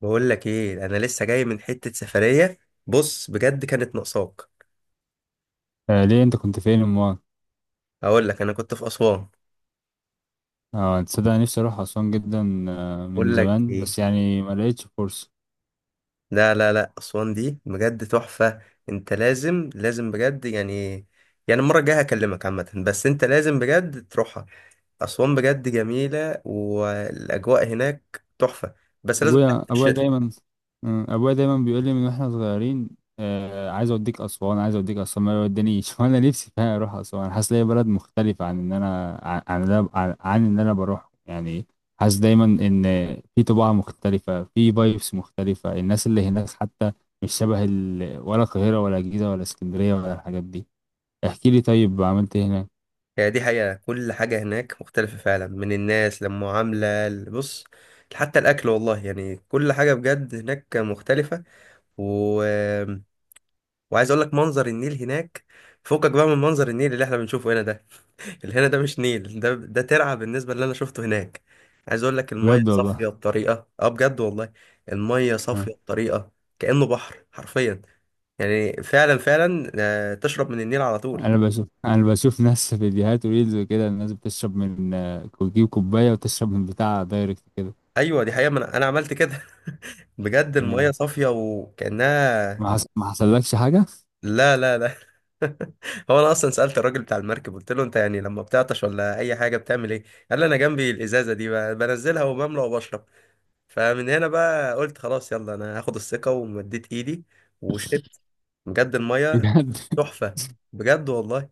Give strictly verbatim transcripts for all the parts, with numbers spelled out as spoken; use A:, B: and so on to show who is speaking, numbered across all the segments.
A: بقول لك ايه؟ انا لسه جاي من حتة سفرية. بص، بجد كانت ناقصاك.
B: آه، ليه انت كنت فين امال؟
A: اقول لك، انا كنت في اسوان.
B: اه، تصدق أنا نفسي اروح اسوان جدا آه من
A: اقول لك
B: زمان، بس
A: ايه،
B: يعني ما لقيتش فرصه.
A: لا لا لا، اسوان دي بجد تحفة. انت لازم لازم بجد، يعني، يعني المرة الجاية هكلمك عامة، بس انت لازم بجد تروحها. اسوان بجد جميلة والاجواء هناك تحفة، بس لازم تروح
B: ابويا
A: في
B: ابويا
A: الشتاء.
B: دايما. آه، ابويا دايما بيقول لي من واحنا صغيرين. آه عايز اوديك اسوان، عايز اوديك اسوان، ما يودينيش وانا نفسي فيها اروح اسوان، حاسس ليا بلد مختلفه عن ان انا عن عن اللي أنا- عن عن ان انا بروح يعني. حاسس دايما ان في طباع مختلفه، في فايبس مختلفه، الناس اللي هناك حتى مش شبه ال... ولا القاهره ولا الجيزه ولا اسكندريه ولا الحاجات دي. احكي لي طيب، عملت ايه هناك؟
A: يعني دي حقيقة، كل حاجة هناك مختلفة فعلا، من الناس للمعاملة. بص، حتى الاكل والله، يعني كل حاجة بجد هناك مختلفة. و... وعايز اقول لك منظر النيل هناك فوقك بقى من منظر النيل اللي احنا بنشوفه هنا ده. اللي هنا ده مش نيل، ده ده ترعة بالنسبة اللي انا شفته هناك. عايز اقول لك المية
B: بجد والله.
A: صافية بطريقة، اه بجد والله، المية
B: آه.
A: صافية بطريقة كأنه بحر حرفيا. يعني فعلا فعلا، آه، تشرب من النيل على طول.
B: انا بشوف انا بشوف ناس في فيديوهات وريلز وكده، الناس بتشرب من آه، بتجيب كوبايه وتشرب من بتاع دايركت كده.
A: ايوه دي حقيقة، ما انا أنا عملت كده. بجد المية
B: آه.
A: صافية وكأنها...
B: ما حص... ما حصلكش حاجه؟
A: لا لا لا. هو انا اصلا سالت الراجل بتاع المركب، قلت له: انت يعني لما بتعطش ولا اي حاجه بتعمل ايه؟ قال لي: انا جنبي الازازه دي، ب- بنزلها وبملى وبشرب. فمن هنا بقى قلت خلاص، يلا انا هاخد الثقه ومديت ايدي وشربت. بجد الميه
B: بجد
A: تحفه، بجد والله.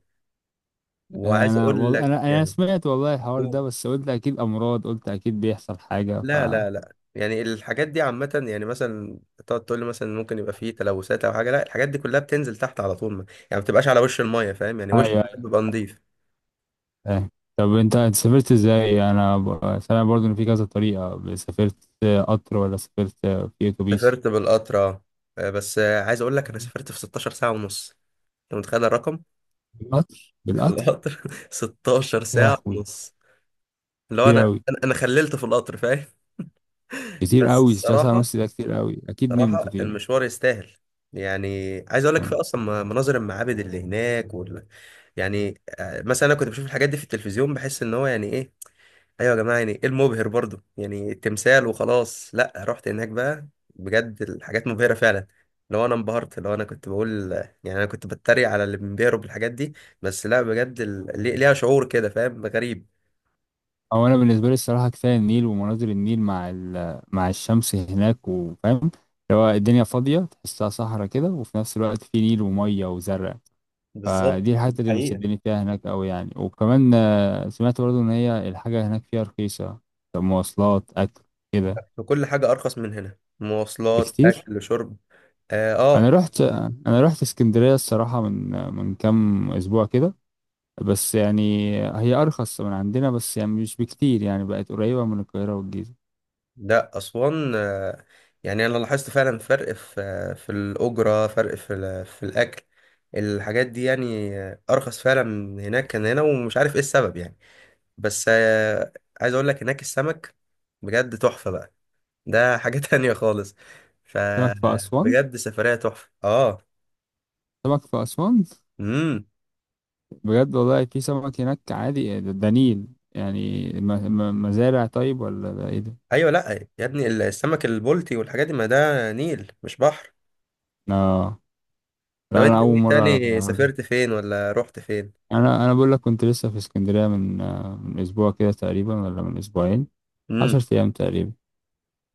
A: وعايز
B: انا
A: اقول
B: والله،
A: لك
B: انا انا
A: يعني...
B: سمعت والله الحوار ده،
A: أوه.
B: بس قلت اكيد امراض، قلت اكيد بيحصل حاجه ف.
A: لا لا لا، يعني الحاجات دي عامة. يعني مثلا تقعد تقول لي مثلا ممكن يبقى فيه تلوثات أو حاجة، لا الحاجات دي كلها بتنزل تحت على طول، ما يعني ما بتبقاش على وش المية، فاهم؟ يعني وش المية
B: ايوه،
A: بيبقى نضيف.
B: ايوه. طب انت أنت سافرت ازاي؟ انا ب... سامع برضو ان في كذا طريقه سافرت. آه، قطر، ولا سافرت آه، في اتوبيس؟
A: سافرت بالقطر، اه. آه، بس آه، عايز اقول لك انا سافرت في ستاشر ساعة ونص. انت متخيل الرقم؟
B: بالقطر،
A: في
B: بالقطر.
A: القطر، ستاشر
B: يا
A: ساعة
B: لهوي.
A: ونص، اللي هو انا
B: كتير أوي.
A: انا أنا خللت في القطر، فاهم؟
B: كتير
A: بس
B: قوي، ثلاثة ساعة
A: الصراحة،
B: ونص ده كتير قوي، اكيد
A: الصراحة
B: نمت فيهم.
A: المشوار يستاهل. يعني عايز اقول لك، في
B: مم.
A: اصلا م- مناظر المعابد اللي هناك وال... يعني آه، مثلا انا كنت بشوف الحاجات دي في التلفزيون، بحس ان هو يعني ايه، ايوه يا جماعه يعني ايه المبهر برضو يعني التمثال وخلاص. لا، رحت هناك بقى بجد الحاجات مبهره فعلا. لو انا انبهرت، لو انا كنت بقول، يعني انا كنت بتريق على اللي بينبهروا بالحاجات دي، بس لا بجد ال- لي- ليها شعور كده، فاهم؟ غريب.
B: او انا بالنسبة لي الصراحة كفاية النيل ومناظر النيل مع ال- مع الشمس هناك، وفاهم اللي هو الدنيا فاضية تحسها صحراء كده، وفي نفس الوقت في نيل ومية وزرع.
A: بالظبط.
B: فدي الحتة اللي
A: حقيقة،
B: بتشدني فيها هناك قوي يعني، وكمان آه، سمعت برضو ان هي الحاجة هناك فيها رخيصة. مواصلات، اكل. كده.
A: وكل حاجه ارخص من هنا، مواصلات
B: بكتير.
A: اكل شرب. اه،
B: انا
A: آه.
B: رحت انا رحت اسكندرية الصراحة من من كام اسبوع كده. بس يعني هي أرخص من عندنا، بس يعني مش بكتير، يعني بقت قريبة من القاهرة والجيزة.
A: لا أسوان، آه، يعني أنا لاحظت فعلا فرق في آه، في الأجرة، فرق في ال- في الأكل. الحاجات دي يعني آه، أرخص فعلا من هناك كان هنا، ومش عارف إيه السبب يعني. بس آه، عايز أقول لك، هناك السمك بجد تحفة بقى، ده حاجة تانية خالص.
B: سمك في أسوان؟
A: فبجد سفرية تحفة، آه.
B: سمك في أسوان؟
A: امم.
B: بجد والله، في سمك هناك عادي، إيه ده ده نيل يعني، م- م- مزارع طيب ولا ده إيه ده؟
A: أيوة، لأ، يا ابني السمك البلطي والحاجات دي، ما ده نيل مش بحر.
B: آه،
A: طب
B: لا أنا
A: أنت
B: أول
A: إيه
B: مرة أعرف
A: تاني؟
B: الحوار ده.
A: سافرت فين ولا رحت فين؟
B: أنا أنا بقول لك كنت لسه في اسكندرية من آه، من أسبوع كده تقريبا، ولا من أسبوعين.
A: امم.
B: عشر أيام تقريبا.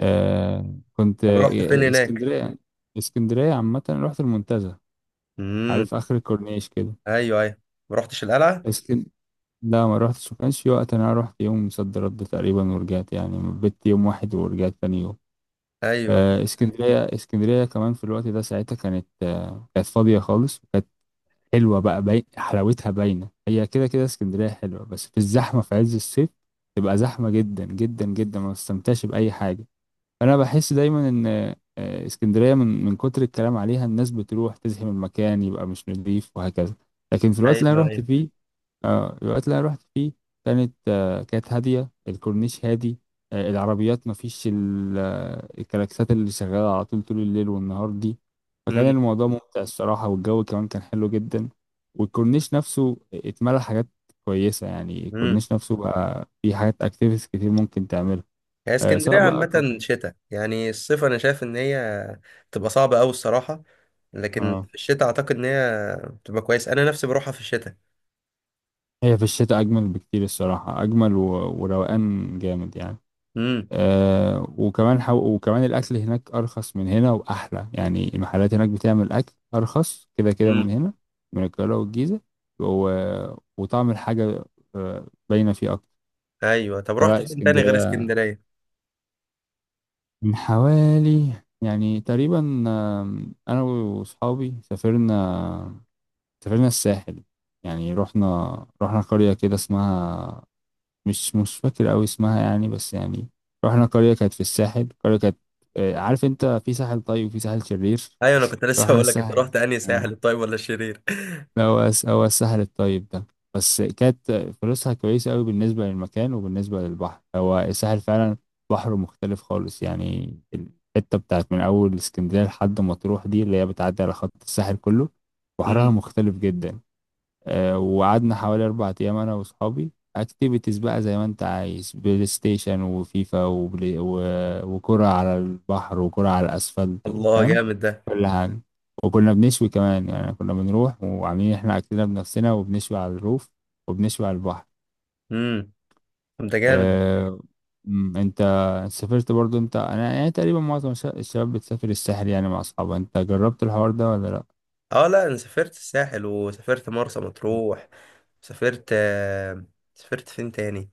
B: آه كنت
A: طب رحت فين
B: آه،
A: هناك؟
B: اسكندرية. اسكندرية عامة، رحت المنتزه.
A: امم.
B: عارف آخر الكورنيش
A: ايوه ايوه، ما رحتش القلعه.
B: كده. لا ما رحتش، ما كانش في وقت، انا رحت يوم صد رد تقريبا ورجعت، يعني بت يوم واحد ورجعت تاني يوم.
A: ايوه
B: آه اسكندريه، اسكندريه كمان في الوقت ده ساعتها كانت آه كانت فاضيه خالص، وكانت حلوه بقى، باين حلاوتها باينه. هي كده كده اسكندريه حلوه، بس في الزحمه في عز الصيف تبقى زحمه جدا جدا جدا، ما تستمتعش باي حاجه. انا بحس دايما ان آه، اسكندريه من من كتر الكلام عليها، الناس بتروح تزحم المكان، يبقى مش نظيف، وهكذا. لكن في الوقت اللي انا
A: ايوه
B: رحت
A: ايوه.
B: فيه، آه، الوقت اللي انا رحت فيه كانت آه، كانت هاديه، الكورنيش هادي، آه، العربيات ما فيش ال- آه، الكلاكسات اللي شغاله على طول طول الليل والنهار دي.
A: امم.
B: فكان الموضوع ممتع الصراحه، والجو كمان كان حلو جدا. والكورنيش نفسه اتملى حاجات كويسه، يعني
A: امم.
B: الكورنيش نفسه بقى فيه حاجات، اكتيفيتيز كتير ممكن تعملها.
A: هي
B: آه، سواء
A: اسكندريه
B: بقى
A: عامه
B: كافيه.
A: شتاء. يعني الصيف انا شايف ان هي تبقى صعبه قوي الصراحه، لكن
B: اه،
A: في الشتاء اعتقد ان هي بتبقى كويس، انا نفسي بروحها في الشتاء.
B: هي في الشتاء أجمل بكتير الصراحة، أجمل و... وروقان جامد يعني.
A: امم.
B: أه وكمان حو... وكمان الأكل هناك أرخص من هنا وأحلى، يعني المحلات هناك بتعمل أكل أرخص كده كده
A: امم.
B: من هنا، من القاهرة والجيزة. و... وطعم الحاجة آه، باينة فيه أكتر.
A: ايوه، طب رحت
B: فلا
A: فين تاني غير
B: اسكندرية
A: اسكندريه؟
B: من حوالي، يعني تقريبا، آم، أنا وأصحابي سافرنا، سافرنا الساحل. يعني رحنا رحنا قرية كده اسمها، مش مش فاكر أوي اسمها يعني، بس يعني رحنا قرية كانت في الساحل، قرية كانت آه، عارف أنت، في ساحل طيب وفي ساحل شرير.
A: ايوه انا كنت لسه
B: رحنا
A: هقول لك، انت
B: الساحل
A: رحت انهي
B: يعني.
A: ساحل،
B: آه.
A: الطيب ولا الشرير؟
B: لا هو الس- هو الساحل الطيب ده. بس كانت فلوسها كويسة أوي بالنسبة للمكان وبالنسبة للبحر، هو الساحل فعلا بحره مختلف خالص. يعني الحتة بتاعت من أول اسكندرية لحد مطروح دي، اللي هي بتعدي على خط الساحل كله، بحرها
A: امم.
B: مختلف جدا. آه، وقعدنا حوالي أربع أيام أنا وأصحابي، أكتيفيتيز بقى زي ما أنت عايز، بلاي ستيشن وفيفا وبلاي و... وكرة على البحر وكرة على الأسفلت و-
A: الله،
B: فاهم،
A: جامد ده.
B: كل حاجة. وكنا بنشوي كمان، يعني كنا بنروح وعاملين إحنا أكلنا بنفسنا وبنشوي على الروف وبنشوي على البحر.
A: امم. طب ده جامد.
B: أه... أمم، أنت سافرت برضو أنت، أنا يعني تقريبا معظم الش- الشباب بتسافر الساحل يعني مع أصحابها، أنت جربت الحوار ده ولا لأ؟
A: اه لا، انا سافرت الساحل وسافرت مرسى مطروح، سافرت آه، سافرت فين تاني،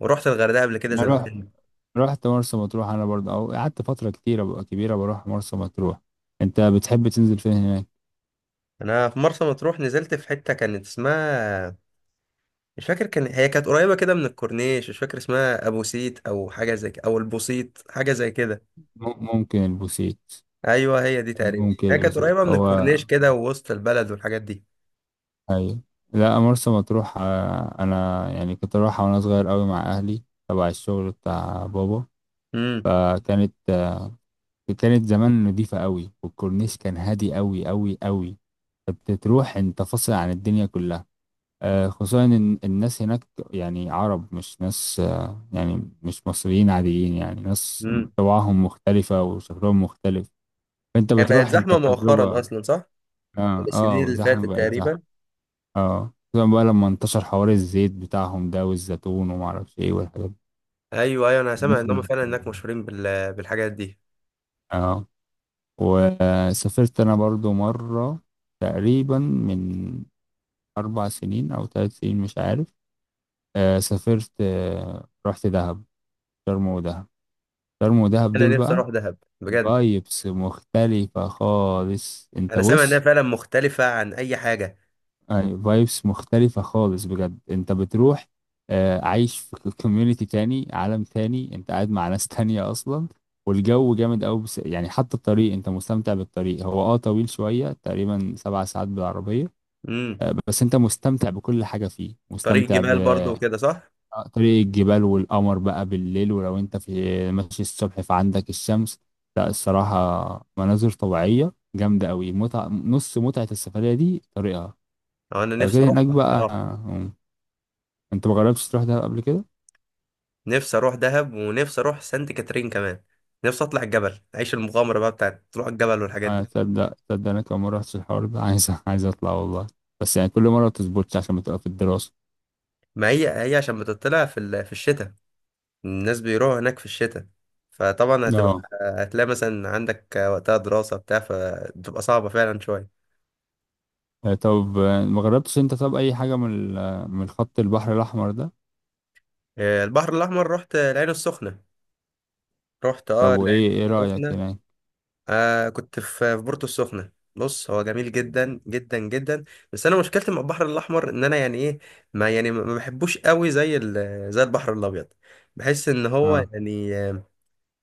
A: ورحت الغردقه قبل كده
B: أنا رحت
A: زمان.
B: رحت مرسى مطروح، انا برضه او قعدت فتره كتيره بقى كبيره بروح مرسى مطروح. انت بتحب تنزل فين هناك؟
A: انا في مرسى مطروح نزلت في حته كانت اسمها، مش فاكر، كان هي كانت قريبه كده من الكورنيش، مش فاكر اسمها، ابو سيت او حاجه زي كده، او البوسيت حاجه زي كده.
B: مم- ممكن البوسيت.
A: ايوه هي دي تقريبا،
B: ممكن
A: هي كانت
B: البوسيت
A: قريبه من
B: هو.
A: الكورنيش كده، ووسط البلد والحاجات دي.
B: ايوه. لا مرسى مطروح، آه، انا يعني كنت اروحها وانا صغير قوي مع اهلي، تبع الشغل بتاع بابا.
A: امم.
B: فكانت آه، كانت زمان نضيفه قوي، والكورنيش كان هادي قوي قوي قوي، فبتروح انت فاصل عن الدنيا كلها. آه، خصوصا ان الناس هناك يعني عرب، مش ناس، آه، يعني مش مصريين عاديين، يعني ناس
A: امم.
B: طباعهم مختلفة وشكلهم مختلف، فانت
A: هي بقت
B: بتروح انت
A: زحمه مؤخرا
B: بتجربة.
A: اصلا، صح؟
B: اه،
A: السنين
B: اه،
A: اللي فاتت
B: زحمة، بقت زحمة.
A: تقريبا.
B: اه، خصوصا بقى لما انتشر حوار الزيت بتاعهم ده والزيتون ومعرفش ايه والحاجات دي.
A: ايوه ايوه، انا سامع
B: الناس
A: ان هم
B: بقت.
A: فعلا هناك مشهورين بال... بالحاجات دي.
B: اه. وسافرت انا برضو مرة تقريبا من اربع سنين او ثلاث سنين مش عارف. آه سافرت، آه رحت دهب، شرم ودهب، شرم ودهب
A: انا
B: دول
A: نفسي
B: بقى
A: اروح دهب بجد.
B: فايبس مختلفة خالص. انت
A: انا سامع انها
B: بص،
A: فعلا مختلفه عن اي حاجه.
B: فايبس مختلفة خالص بجد، انت بتروح، آه، عايش في كوميونيتي تاني، عالم تاني، انت قاعد مع ناس تانية اصلا. والجو جامد قوي، بس يعني حتى الطريق انت مستمتع بالطريق، هو اه طويل شوية تقريبا سبع ساعات بالعربية.
A: امم.
B: آه، بس انت مستمتع بكل حاجة فيه،
A: طريق
B: مستمتع ب
A: جبال برضو وكده، صح؟
B: آه، طريق الجبال والقمر بقى بالليل، ولو انت في ماشي الصبح فعندك الشمس. لا الصراحة، مناظر طبيعية جامدة قوي، متعة، نص متعة السفرية دي طريقها.
A: أو انا
B: آه،
A: نفسي
B: غير
A: اروح
B: هناك بقى،
A: بصراحه.
B: آه، انت ما جربتش تروح دهب قبل كده؟
A: نفسي اروح دهب ونفسي اروح سانت كاترين كمان. نفسي اطلع الجبل، اعيش المغامره بقى بتاعت تروح الجبل والحاجات
B: آه،
A: دي.
B: تصدق، تصدق انا كمان ما رحتش الحوار ده عايز عايز اطلع والله، بس يعني كل مرة ما بتظبطش عشان بتبقى في الدراسة.
A: ما هي هي عشان بتطلع في ال- في الشتاء، الناس بيروحوا هناك في الشتاء، فطبعا هتبقى،
B: اه.
A: هتلاقي مثلا عندك وقتها دراسه بتاع، فتبقى صعبه فعلا شويه.
B: آه، طب آه، ما جربتش انت، طب اي حاجة من ال- آه، من خط البحر الاحمر ده؟
A: آه، البحر الاحمر، رحت العين السخنه. رحت
B: طب
A: اه العين
B: وايه ايه رأيك
A: السخنه.
B: هناك؟
A: آه كنت في في بورتو السخنة. بص هو جميل جدا جدا جدا، بس انا مشكلتي مع البحر الاحمر، ان انا يعني ايه، ما يعني ما ما بحبوش قوي زي ال- زي البحر الابيض. بحس ان هو
B: اه،
A: يعني آه،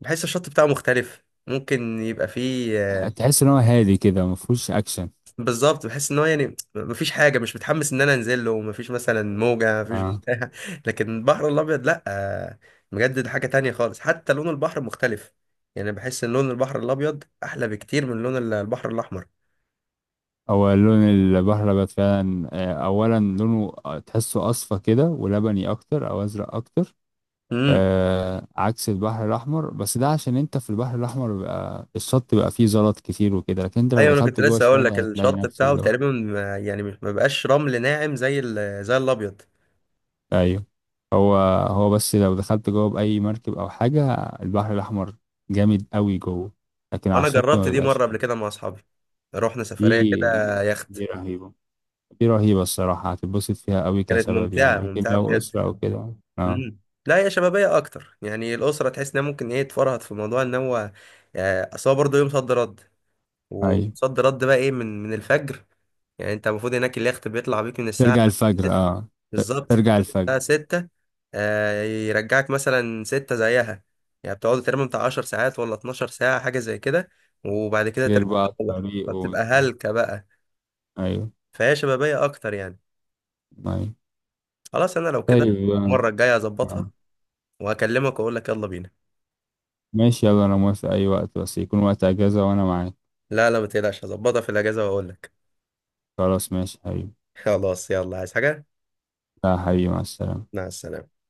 A: بحس الشط بتاعه مختلف، ممكن يبقى فيه آه،
B: تحس ان هو هادي كده ما فيهوش اكشن.
A: بالظبط، بحس ان هو يعني ما فيش حاجه، مش متحمس ان انا انزل له، ما فيش مثلا موجه، ما فيش
B: آه.
A: بتاع. لكن البحر الابيض لا، آه، بجد ده حاجه تانية خالص، حتى لون البحر مختلف. يعني بحس ان لون البحر الابيض احلى بكتير من لون البحر الاحمر.
B: هو لون البحلبات فعلا، آه، أولا لونه تحسه أصفى كده ولبني أكتر أو أزرق أكتر.
A: امم.
B: آه عكس البحر الأحمر، بس ده عشان أنت في البحر الأحمر بيبقى الشط بيبقى فيه زلط كتير وكده، لكن أنت لو
A: ايوه انا كنت
B: دخلت جوه
A: لسه اقول لك،
B: شوية هتلاقي
A: الشط
B: نفس
A: بتاعه
B: اللي هو.
A: تقريبا ما- يعني مش- ما بقاش رمل ناعم زي ال- زي الابيض.
B: أيوه. هو هو بس لو دخلت جوه بأي مركب أو حاجة، البحر الأحمر جامد قوي جوه، لكن على
A: انا
B: الشط ما
A: جربت دي
B: بيبقاش
A: مره قبل
B: حلو.
A: كده مع اصحابي، رحنا سفريه كده
B: دي دي
A: يخت.
B: رهيبة. دي رهيبة الصراحة، هتتبسط فيها قوي
A: كانت
B: كشباب يعني،
A: ممتعه،
B: لكن
A: ممتعه
B: لو
A: بجد.
B: أسرة أو كده. اه.
A: امم. لا هي شبابيه اكتر، يعني الاسره تحس انها ممكن ايه تفرهد في موضوع ان هو، آه، اصل هو برضه يوم صد رد،
B: أيوة،
A: وصد رد بقى ايه، من من الفجر. يعني انت المفروض هناك اليخت بيطلع بيك من الساعه،
B: ترجع الفجر، اه. ت-
A: بالظبط،
B: ترجع الفجر.
A: بتاع ستة، آه، يرجعك مثلا ستة زيها. يعني بتقعدوا تقريبا بتاع عشر ساعات ولا اتناشر ساعة، حاجة زي كده، وبعد كده
B: غير
A: ترجع،
B: بقى
A: تروح،
B: الطريق
A: فبتبقى
B: وبتاع.
A: هلكة بقى.
B: أيوة،
A: فهي شبابية أكتر يعني.
B: أيوة.
A: خلاص، أنا لو كده
B: طيب، اه.
A: المرة الجاية هظبطها
B: آه.
A: وهكلمك وأقول لك يلا بينا.
B: ماشي يلا، أنا موافق أي وقت، بس يكون وقت أجازة وأنا معاك.
A: لا لا، ما تقلقش، هظبطها في الأجازة وأقول لك.
B: خلاص ماشي حبيبي.
A: خلاص، يلا عايز حاجة؟
B: لا حبيبي، مع السلامة.
A: مع السلامة.